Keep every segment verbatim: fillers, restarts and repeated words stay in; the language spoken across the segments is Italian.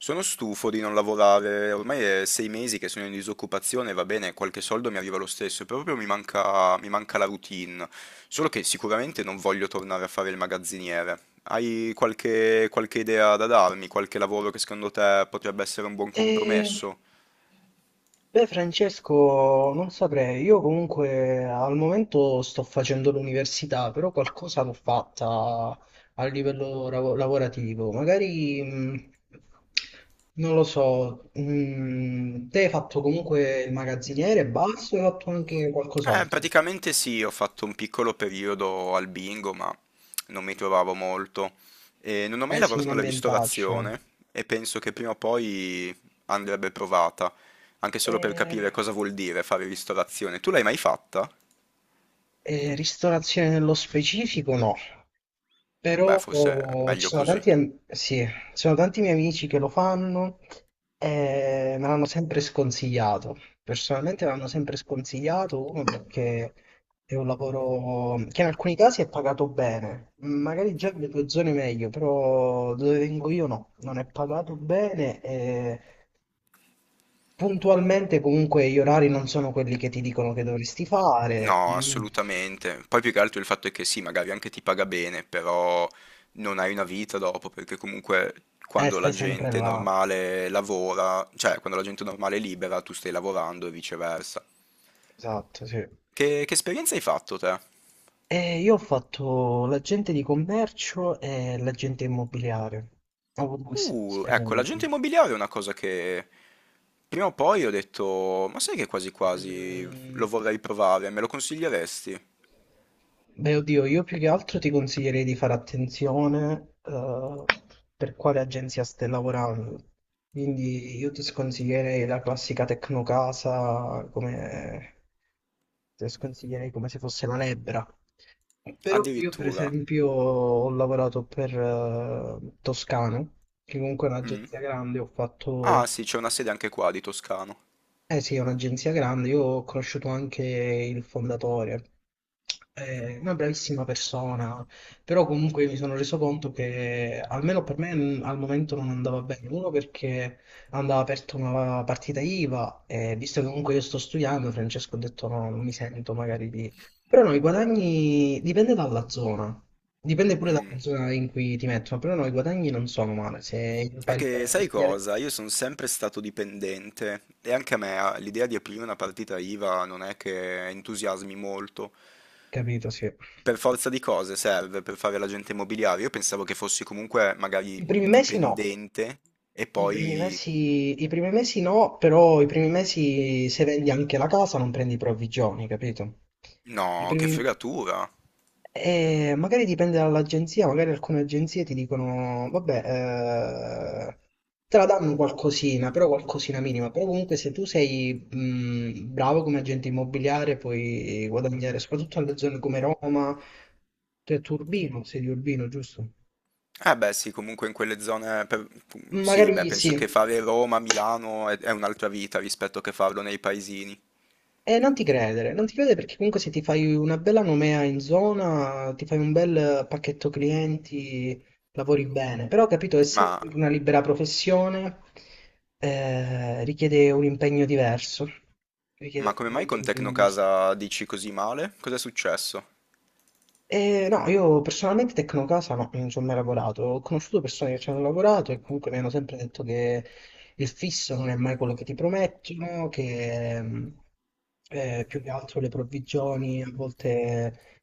Sono stufo di non lavorare, ormai è sei mesi che sono in disoccupazione, va bene, qualche soldo mi arriva lo stesso, proprio mi manca, mi manca la routine, solo che sicuramente non voglio tornare a fare il magazziniere. Hai qualche, qualche idea da darmi, qualche lavoro che secondo te potrebbe essere un buon Eh, compromesso? beh, Francesco, non saprei. Io comunque al momento sto facendo l'università, però qualcosa l'ho fatta a livello lav- lavorativo. Magari, mh, non lo so, mh, te hai fatto comunque il magazziniere e basta, o hai fatto anche Eh, qualcos'altro. praticamente sì, ho fatto un piccolo periodo al bingo, ma non mi trovavo molto. E non ho mai Eh sì, lavorato un nella ambientaccio. ristorazione e penso che prima o poi andrebbe provata, anche solo per Eh, capire cosa vuol dire fare ristorazione. Tu l'hai mai fatta? eh, ristorazione nello specifico, no. Beh, Però forse è oh, ci meglio sono così. tanti, am- sì, ci sono tanti miei amici che lo fanno e me l'hanno sempre sconsigliato. Personalmente me l'hanno sempre sconsigliato, uno perché è un lavoro che in alcuni casi è pagato bene, magari già nelle tue zone meglio, però dove vengo io no, non è pagato bene e puntualmente comunque gli orari non sono quelli che ti dicono che dovresti fare. No, Mm. assolutamente. Poi più che altro il fatto è che sì, magari anche ti paga bene, però non hai una vita dopo, perché comunque Eh, quando la stai sempre gente là. normale lavora, cioè quando la gente normale è libera, tu stai lavorando e viceversa. Esatto, sì. Che, che esperienza hai fatto te? Eh, io ho fatto l'agente di commercio e l'agente immobiliare. Ho avuto queste due Uh, ecco, l'agente esperienze. immobiliare è una cosa che prima o poi ho detto, ma sai che quasi quasi Mm. lo vorrei provare, me lo consiglieresti? Beh, oddio, io più che altro ti consiglierei di fare attenzione eh, per quale agenzia stai lavorando. Quindi io ti sconsiglierei la classica Tecnocasa come... Te sconsiglierei come se fosse la lebbra. Però io, per Addirittura. esempio, ho lavorato per eh, Toscano, che comunque è Mm. un'agenzia grande, ho fatto. Ah sì, c'è una sede anche qua di Toscano. Eh sì, è un'agenzia grande, io ho conosciuto anche il fondatore, è una bravissima persona, però comunque mi sono reso conto che almeno per me mm, al momento non andava bene, uno perché andava aperta una partita IVA e visto che comunque io sto studiando, Francesco ha detto no, non mi sento magari di... Però no, i guadagni dipende dalla zona, dipende pure dalla Mm. zona in cui ti mettono, però no, i guadagni non sono male, se È impari bene che il sai mestiere, cosa? Io sono sempre stato dipendente e anche a me ah, l'idea di aprire una partita I V A non è che entusiasmi molto. capito, sì. Per forza di cose serve per fare l'agente immobiliare. Io pensavo che fossi comunque magari I primi mesi no. dipendente e I primi poi. mesi, i primi mesi no, però i primi mesi se vendi anche la casa non prendi provvigioni, capito? I No, che primi... fregatura. Eh, magari dipende dall'agenzia, magari alcune agenzie ti dicono, vabbè, eh, te la danno qualcosina, però qualcosina minima, però comunque se tu sei mh, bravo come agente immobiliare puoi guadagnare, soprattutto nelle zone come Roma, tu tu Urbino, sei di Urbino, giusto? Eh beh sì, comunque in quelle zone. per- Sì, beh, Magari sì. penso che fare Roma, Milano è, è un'altra vita rispetto che farlo nei paesini. E non ti credere, non ti credere perché comunque se ti fai una bella nomea in zona, ti fai un bel pacchetto clienti, lavori bene. Però, capito, essendo Ma, sempre una libera professione, eh, richiede un impegno diverso. ma Richiede come mai veramente con un impegno diverso. Tecnocasa dici così male? Cos'è successo? E no, io personalmente Tecnocasa no, non ci ho mai lavorato. Ho conosciuto persone che ci hanno lavorato e comunque mi hanno sempre detto che il fisso non è mai quello che ti promettono, che... ehm, eh, più che altro le provvigioni a volte.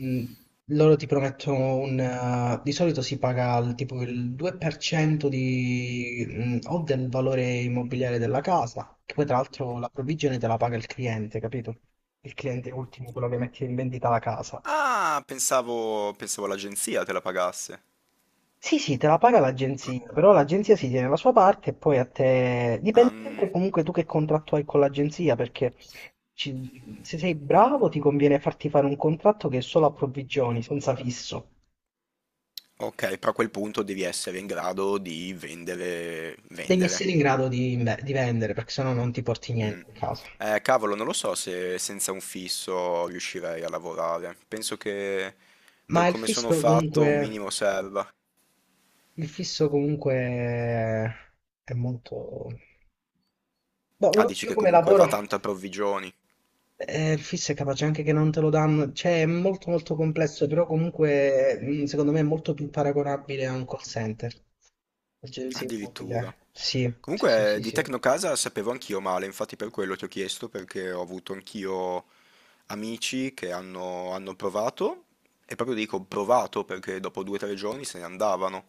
Mm, Loro ti promettono un... eh, di solito si paga il, tipo il due per cento di, mm, o del valore immobiliare della casa, che poi tra l'altro la provvigione te la paga il cliente, capito? Il cliente ultimo, quello che mette in vendita la casa. Ah, pensavo pensavo l'agenzia te la pagasse. Sì, sì, te la paga Ah, l'agenzia, però l'agenzia si tiene la sua parte e poi a te... ah, Dipende mm, sempre comunque tu che contratto hai con l'agenzia, perché ci- se sei bravo ti conviene farti fare un contratto che è solo a provvigioni, senza fisso. ok, però a quel punto devi essere in grado di vendere, Devi vendere. essere in grado di, inve- di vendere, perché sennò non ti porti Mm. niente a casa. Eh, cavolo, non lo so se senza un fisso riuscirei a lavorare. Penso che per Ma il come sono fisso fatto un minimo comunque, serva. il fisso comunque è molto... Ah, Boh, dici io che come comunque lavoro, va tanto a provvigioni, eh, il fisso è capace anche che non te lo danno, cioè è molto molto complesso, però comunque mm, secondo me è molto più paragonabile a un call center, agenzia addirittura. immobiliare. Sì, sì, sì, Comunque eh, sì, di sì. Tecnocasa sapevo anch'io male, infatti per quello ti ho chiesto, perché ho avuto anch'io amici che hanno, hanno provato, e proprio dico provato perché dopo due o tre giorni se ne andavano.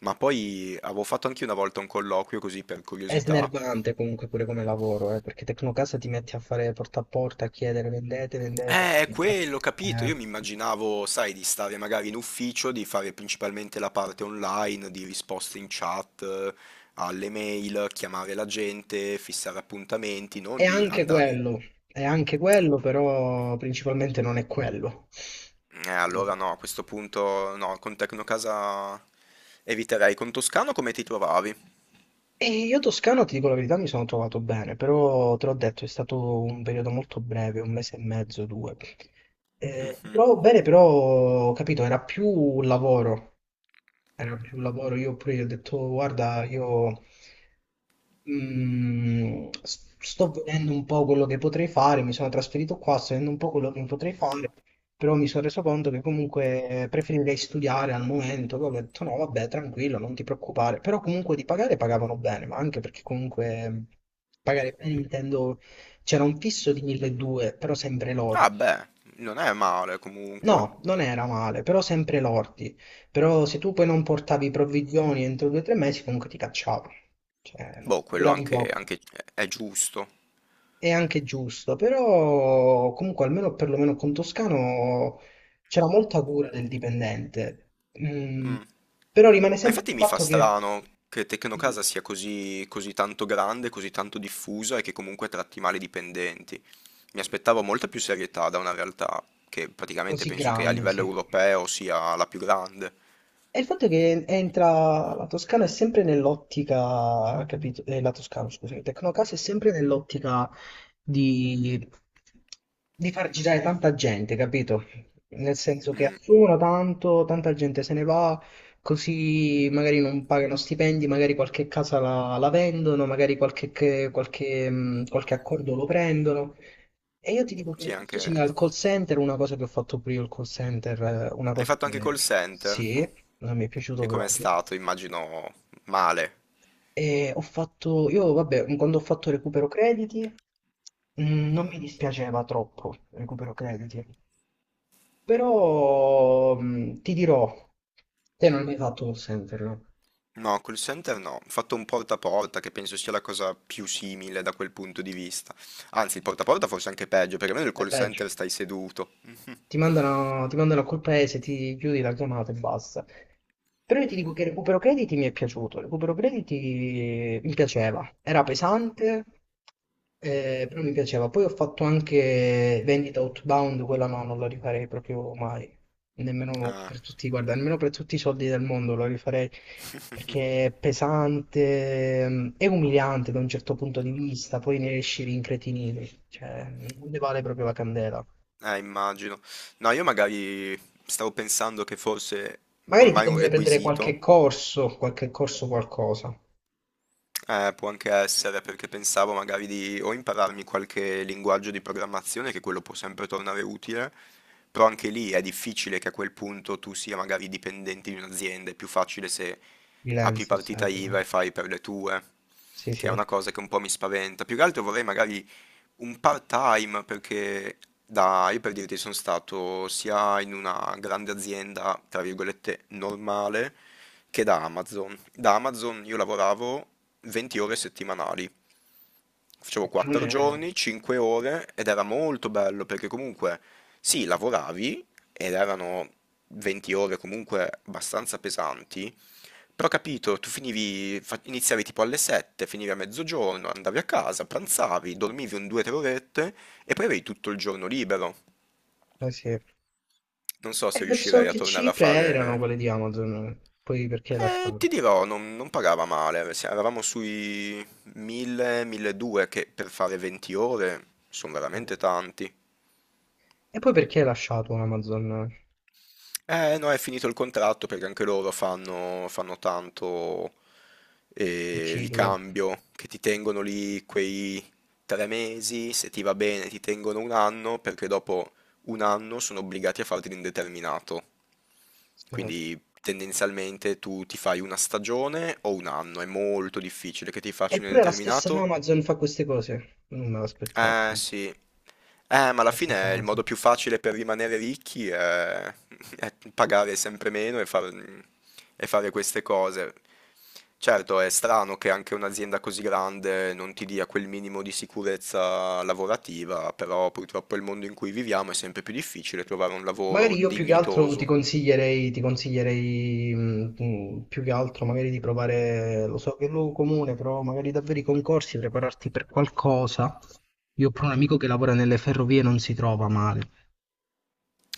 Ma poi avevo fatto anche una volta un colloquio così per È curiosità. snervante comunque pure come lavoro, eh, perché Tecnocasa ti metti a fare porta a porta, a chiedere vendete, vendete, Eh, è affitta- quello, capito. eh, Io mi immaginavo, sai, di stare magari in ufficio, di fare principalmente la parte online, di risposte in chat, eh, alle mail, chiamare la gente, fissare appuntamenti, è non di anche andare. quello, è anche quello, però principalmente non è quello. Eh, allora Sì. no, a questo punto no, con Tecnocasa eviterei. Con Toscano come ti trovavi? E io Toscano, ti dico la verità, mi sono trovato bene, però te l'ho detto, è stato un periodo molto breve, un mese e mezzo, due. Eh, mi Mhm. trovavo bene, però, ho capito, era più un lavoro. Era più lavoro. Io pure gli ho detto, "Oh, guarda, io mm, s- sto vedendo un po' quello che potrei fare, mi sono trasferito qua, sto vedendo un po' quello che potrei fare, però mi sono reso conto che comunque preferirei studiare al momento." Poi ho detto, no, vabbè, tranquillo, non ti preoccupare. Però comunque di pagare pagavano bene, ma anche perché comunque mm, pagare bene intendo, c'era un fisso di milleduecento, però sempre lordo. Ah beh, non è male comunque. No, non era male, però sempre lordi. Però se tu poi non portavi provvigioni entro due o tre mesi, comunque ti cacciavano. Cioè, Boh, quello duravi anche, poco. anche è giusto. È anche giusto, però comunque almeno perlomeno con Toscano c'era molta cura del dipendente. Mm, Mm. però rimane Ma sempre infatti il mi fa fatto che... strano che Dimmi. Tecnocasa sia così, così tanto grande, così tanto diffusa e che comunque tratti male i dipendenti. Mi aspettavo molta più serietà da una realtà che praticamente Così penso che a grande, livello sì. europeo sia la più grande. E il fatto è che entra la Toscana è sempre nell'ottica, capito? Eh, la Toscana, scusa, Tecnocasa è sempre nell'ottica di, di far girare tanta gente, capito? Nel senso che Mm. assumono tanto, tanta gente se ne va, così magari non pagano stipendi, magari qualche casa la, la vendono, magari qualche, che- qualche, mh, qualche accordo lo prendono. E io ti dico che è Sì, molto simile anche. al call center, una cosa che ho fatto pure io il call center, eh, una Hai cosa fatto anche che call center? sì, non mi è E piaciuto com'è proprio. stato? Immagino male. E ho fatto, io vabbè, quando ho fatto recupero crediti, mm, non mi dispiaceva troppo recupero crediti, però mm, ti dirò, te non hai mai fatto call center, no? No, call center no. Ho fatto un porta a porta che penso sia la cosa più simile da quel punto di vista. Anzi, il porta a porta forse anche peggio, perché almeno il È call peggio. center stai seduto. Ti mandano, ti mandano a quel paese, ti chiudi la chiamata e basta. Però io ti dico che Recupero Crediti mi è piaciuto, Recupero Crediti eh, mi piaceva, era pesante, eh, però mi piaceva. Poi ho fatto anche Vendita Outbound, quella no, non la rifarei proprio mai, nemmeno Ah, per tutti, guarda, nemmeno per tutti i soldi del mondo la rifarei, perché è pesante, mm, è umiliante da un certo punto di vista, poi ne esci rincretinito, cioè non ne vale proprio la candela. eh, immagino. No, io magari stavo pensando che fosse Magari ti ormai un conviene prendere requisito. qualche corso, qualche corso qualcosa, Eh, può anche essere perché pensavo magari di o impararmi qualche linguaggio di programmazione, che quello può sempre tornare utile, però anche lì è difficile che a quel punto tu sia magari dipendente di un'azienda, è più facile se apri freelancer partita sempre. I V A Dai. e fai per le tue, Sì, che è sì. una cosa che un po' mi spaventa. Più che altro vorrei magari un part-time perché da, io per dirti sono stato sia in una grande azienda, tra virgolette, normale, che da Amazon. Da Amazon io lavoravo venti ore settimanali, facevo Non quattro è... giorni, cinque ore ed era molto bello perché comunque sì, lavoravi ed erano venti ore comunque abbastanza pesanti, però ho capito, tu finivi, fa- iniziavi tipo alle sette, finivi a mezzogiorno, andavi a casa, pranzavi, dormivi un due o tre orette e poi avevi tutto il giorno libero. Eh sì. E Non so se verso riuscirei a che tornare a cifre erano fare. quelle di Amazon? Poi perché l'ha Eh, ti dirò, non, non pagava male, se- eravamo sui mille, milleduecento che per fare venti ore sono eh. veramente tanti. E poi perché hai lasciato Amazon Eh, no, è finito il contratto perché anche loro fanno, fanno tanto il eh, ciclo? ricambio, che ti tengono lì quei tre mesi, se ti va bene ti tengono un anno, perché dopo un anno sono obbligati a farti l'indeterminato. Sì. Quindi tendenzialmente tu ti fai una stagione o un anno, è molto difficile che ti facciano Eppure la stessa l'indeterminato. Amazon fa queste cose. Non me l'aspettavo, Eh sinceramente. sì, eh, ma Anche alla la stessa fine il Amazon. modo più facile per rimanere ricchi è, è pagare sempre meno e, far- e fare queste cose. Certo, è strano che anche un'azienda così grande non ti dia quel minimo di sicurezza lavorativa, però purtroppo il mondo in cui viviamo è sempre più difficile trovare un Magari lavoro io più che altro ti dignitoso. consiglierei, ti consiglierei mh, mh, più che altro magari di provare, lo so che è un luogo comune, però magari davvero i concorsi, prepararti per qualcosa. Io ho proprio un amico che lavora nelle ferrovie, non si trova male.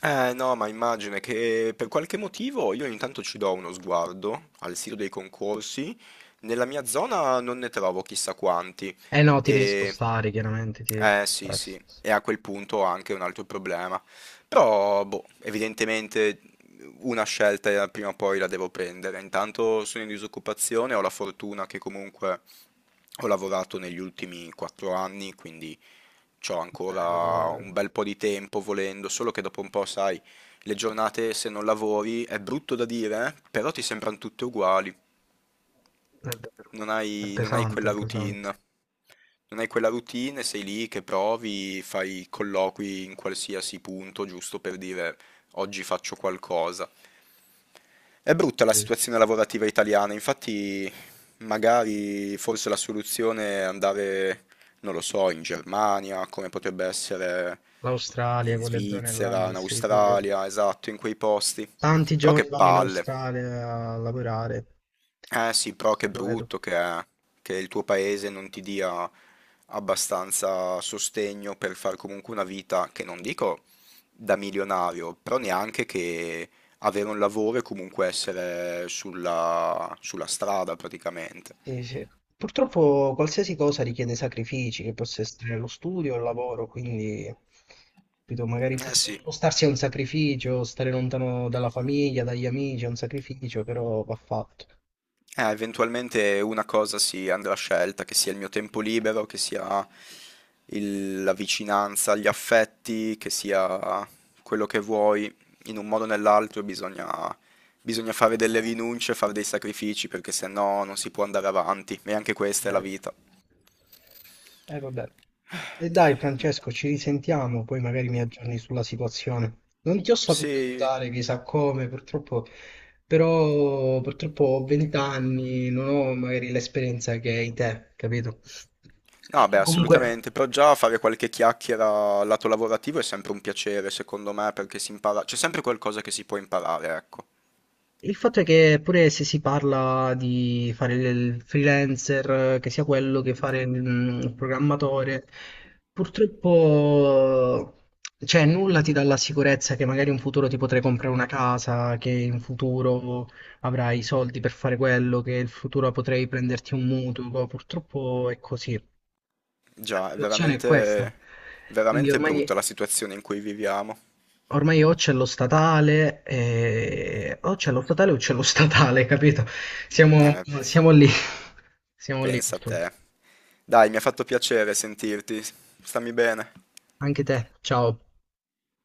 Eh no, ma immagina che eh, per qualche motivo io intanto ci do uno sguardo al sito dei concorsi, nella mia zona non ne trovo chissà quanti Eh no, ti devi e spostare, chiaramente ti devi eh sì, spostare. Sì, sì, sì. e a quel punto anche un altro problema. Però, boh, evidentemente una scelta eh, prima o poi la devo prendere. Intanto sono in disoccupazione, ho la fortuna che comunque ho lavorato negli ultimi quattro anni, quindi ho Eh, meno ancora male. un bel po' di tempo volendo, solo che dopo un po', sai, le giornate se non lavori è brutto da dire, eh, però ti sembrano tutte uguali, È vero. non È hai non hai pesante, è quella pesante. routine. Non hai quella routine, sei lì che provi, fai colloqui in qualsiasi punto, giusto per dire oggi faccio qualcosa. È brutta la Sì. situazione Sì. lavorativa italiana, infatti magari forse la soluzione è andare, non lo so, in Germania, come potrebbe essere L'Australia, in quelle zone là, Svizzera, in sì, pure. Australia, esatto, in quei posti. Tanti Però che giovani vanno in palle. Australia a lavorare. Eh sì, però che Lo vedo. brutto che è che il tuo paese non ti dia abbastanza sostegno per far comunque una vita che non dico da milionario, però neanche che avere un lavoro e comunque essere sulla, sulla strada praticamente. Sì, sì. Purtroppo qualsiasi cosa richiede sacrifici, che possa essere lo studio o il lavoro, quindi capito, magari può- Eh sì. spostarsi è un sacrificio, stare lontano dalla famiglia, dagli amici è un sacrificio, però va fatto. Eh, eventualmente una cosa sì, andrà scelta, che sia il mio tempo libero, che sia il- la vicinanza agli affetti, che sia quello che vuoi, in un modo o nell'altro bisogna, bisogna fare delle rinunce, fare dei sacrifici, perché se no non si può andare avanti, e anche questa è la Vero. vita. Eh, vabbè. E dai, Francesco, ci risentiamo, poi magari mi aggiorni sulla situazione. Non ti ho saputo Sì. aiutare, chissà come, purtroppo, però purtroppo ho venti anni, non ho magari l'esperienza che hai te, capito? No, beh, Comunque. assolutamente, però già fare qualche chiacchiera lato lavorativo è sempre un piacere, secondo me, perché si impara, c'è sempre qualcosa che si può imparare, ecco. Il fatto è che pure se si parla di fare il freelancer, eh, che sia quello che fare mm, il mm, programmatore, purtroppo cioè, nulla ti dà la sicurezza che magari in futuro ti potrai comprare una casa, che in futuro avrai i soldi per fare quello, che in futuro potrai prenderti un mutuo. Purtroppo è così. La Già, è situazione è questa. veramente, Quindi veramente brutta ormai. la situazione in cui viviamo. Ormai o c'è lo statale, eh, o c'è lo statale o c'è lo statale, capito? Siamo, Eh, siamo lì, siamo lì pensa a purtroppo. te. Dai, mi ha fatto piacere sentirti. Stammi bene. Anche te, ciao.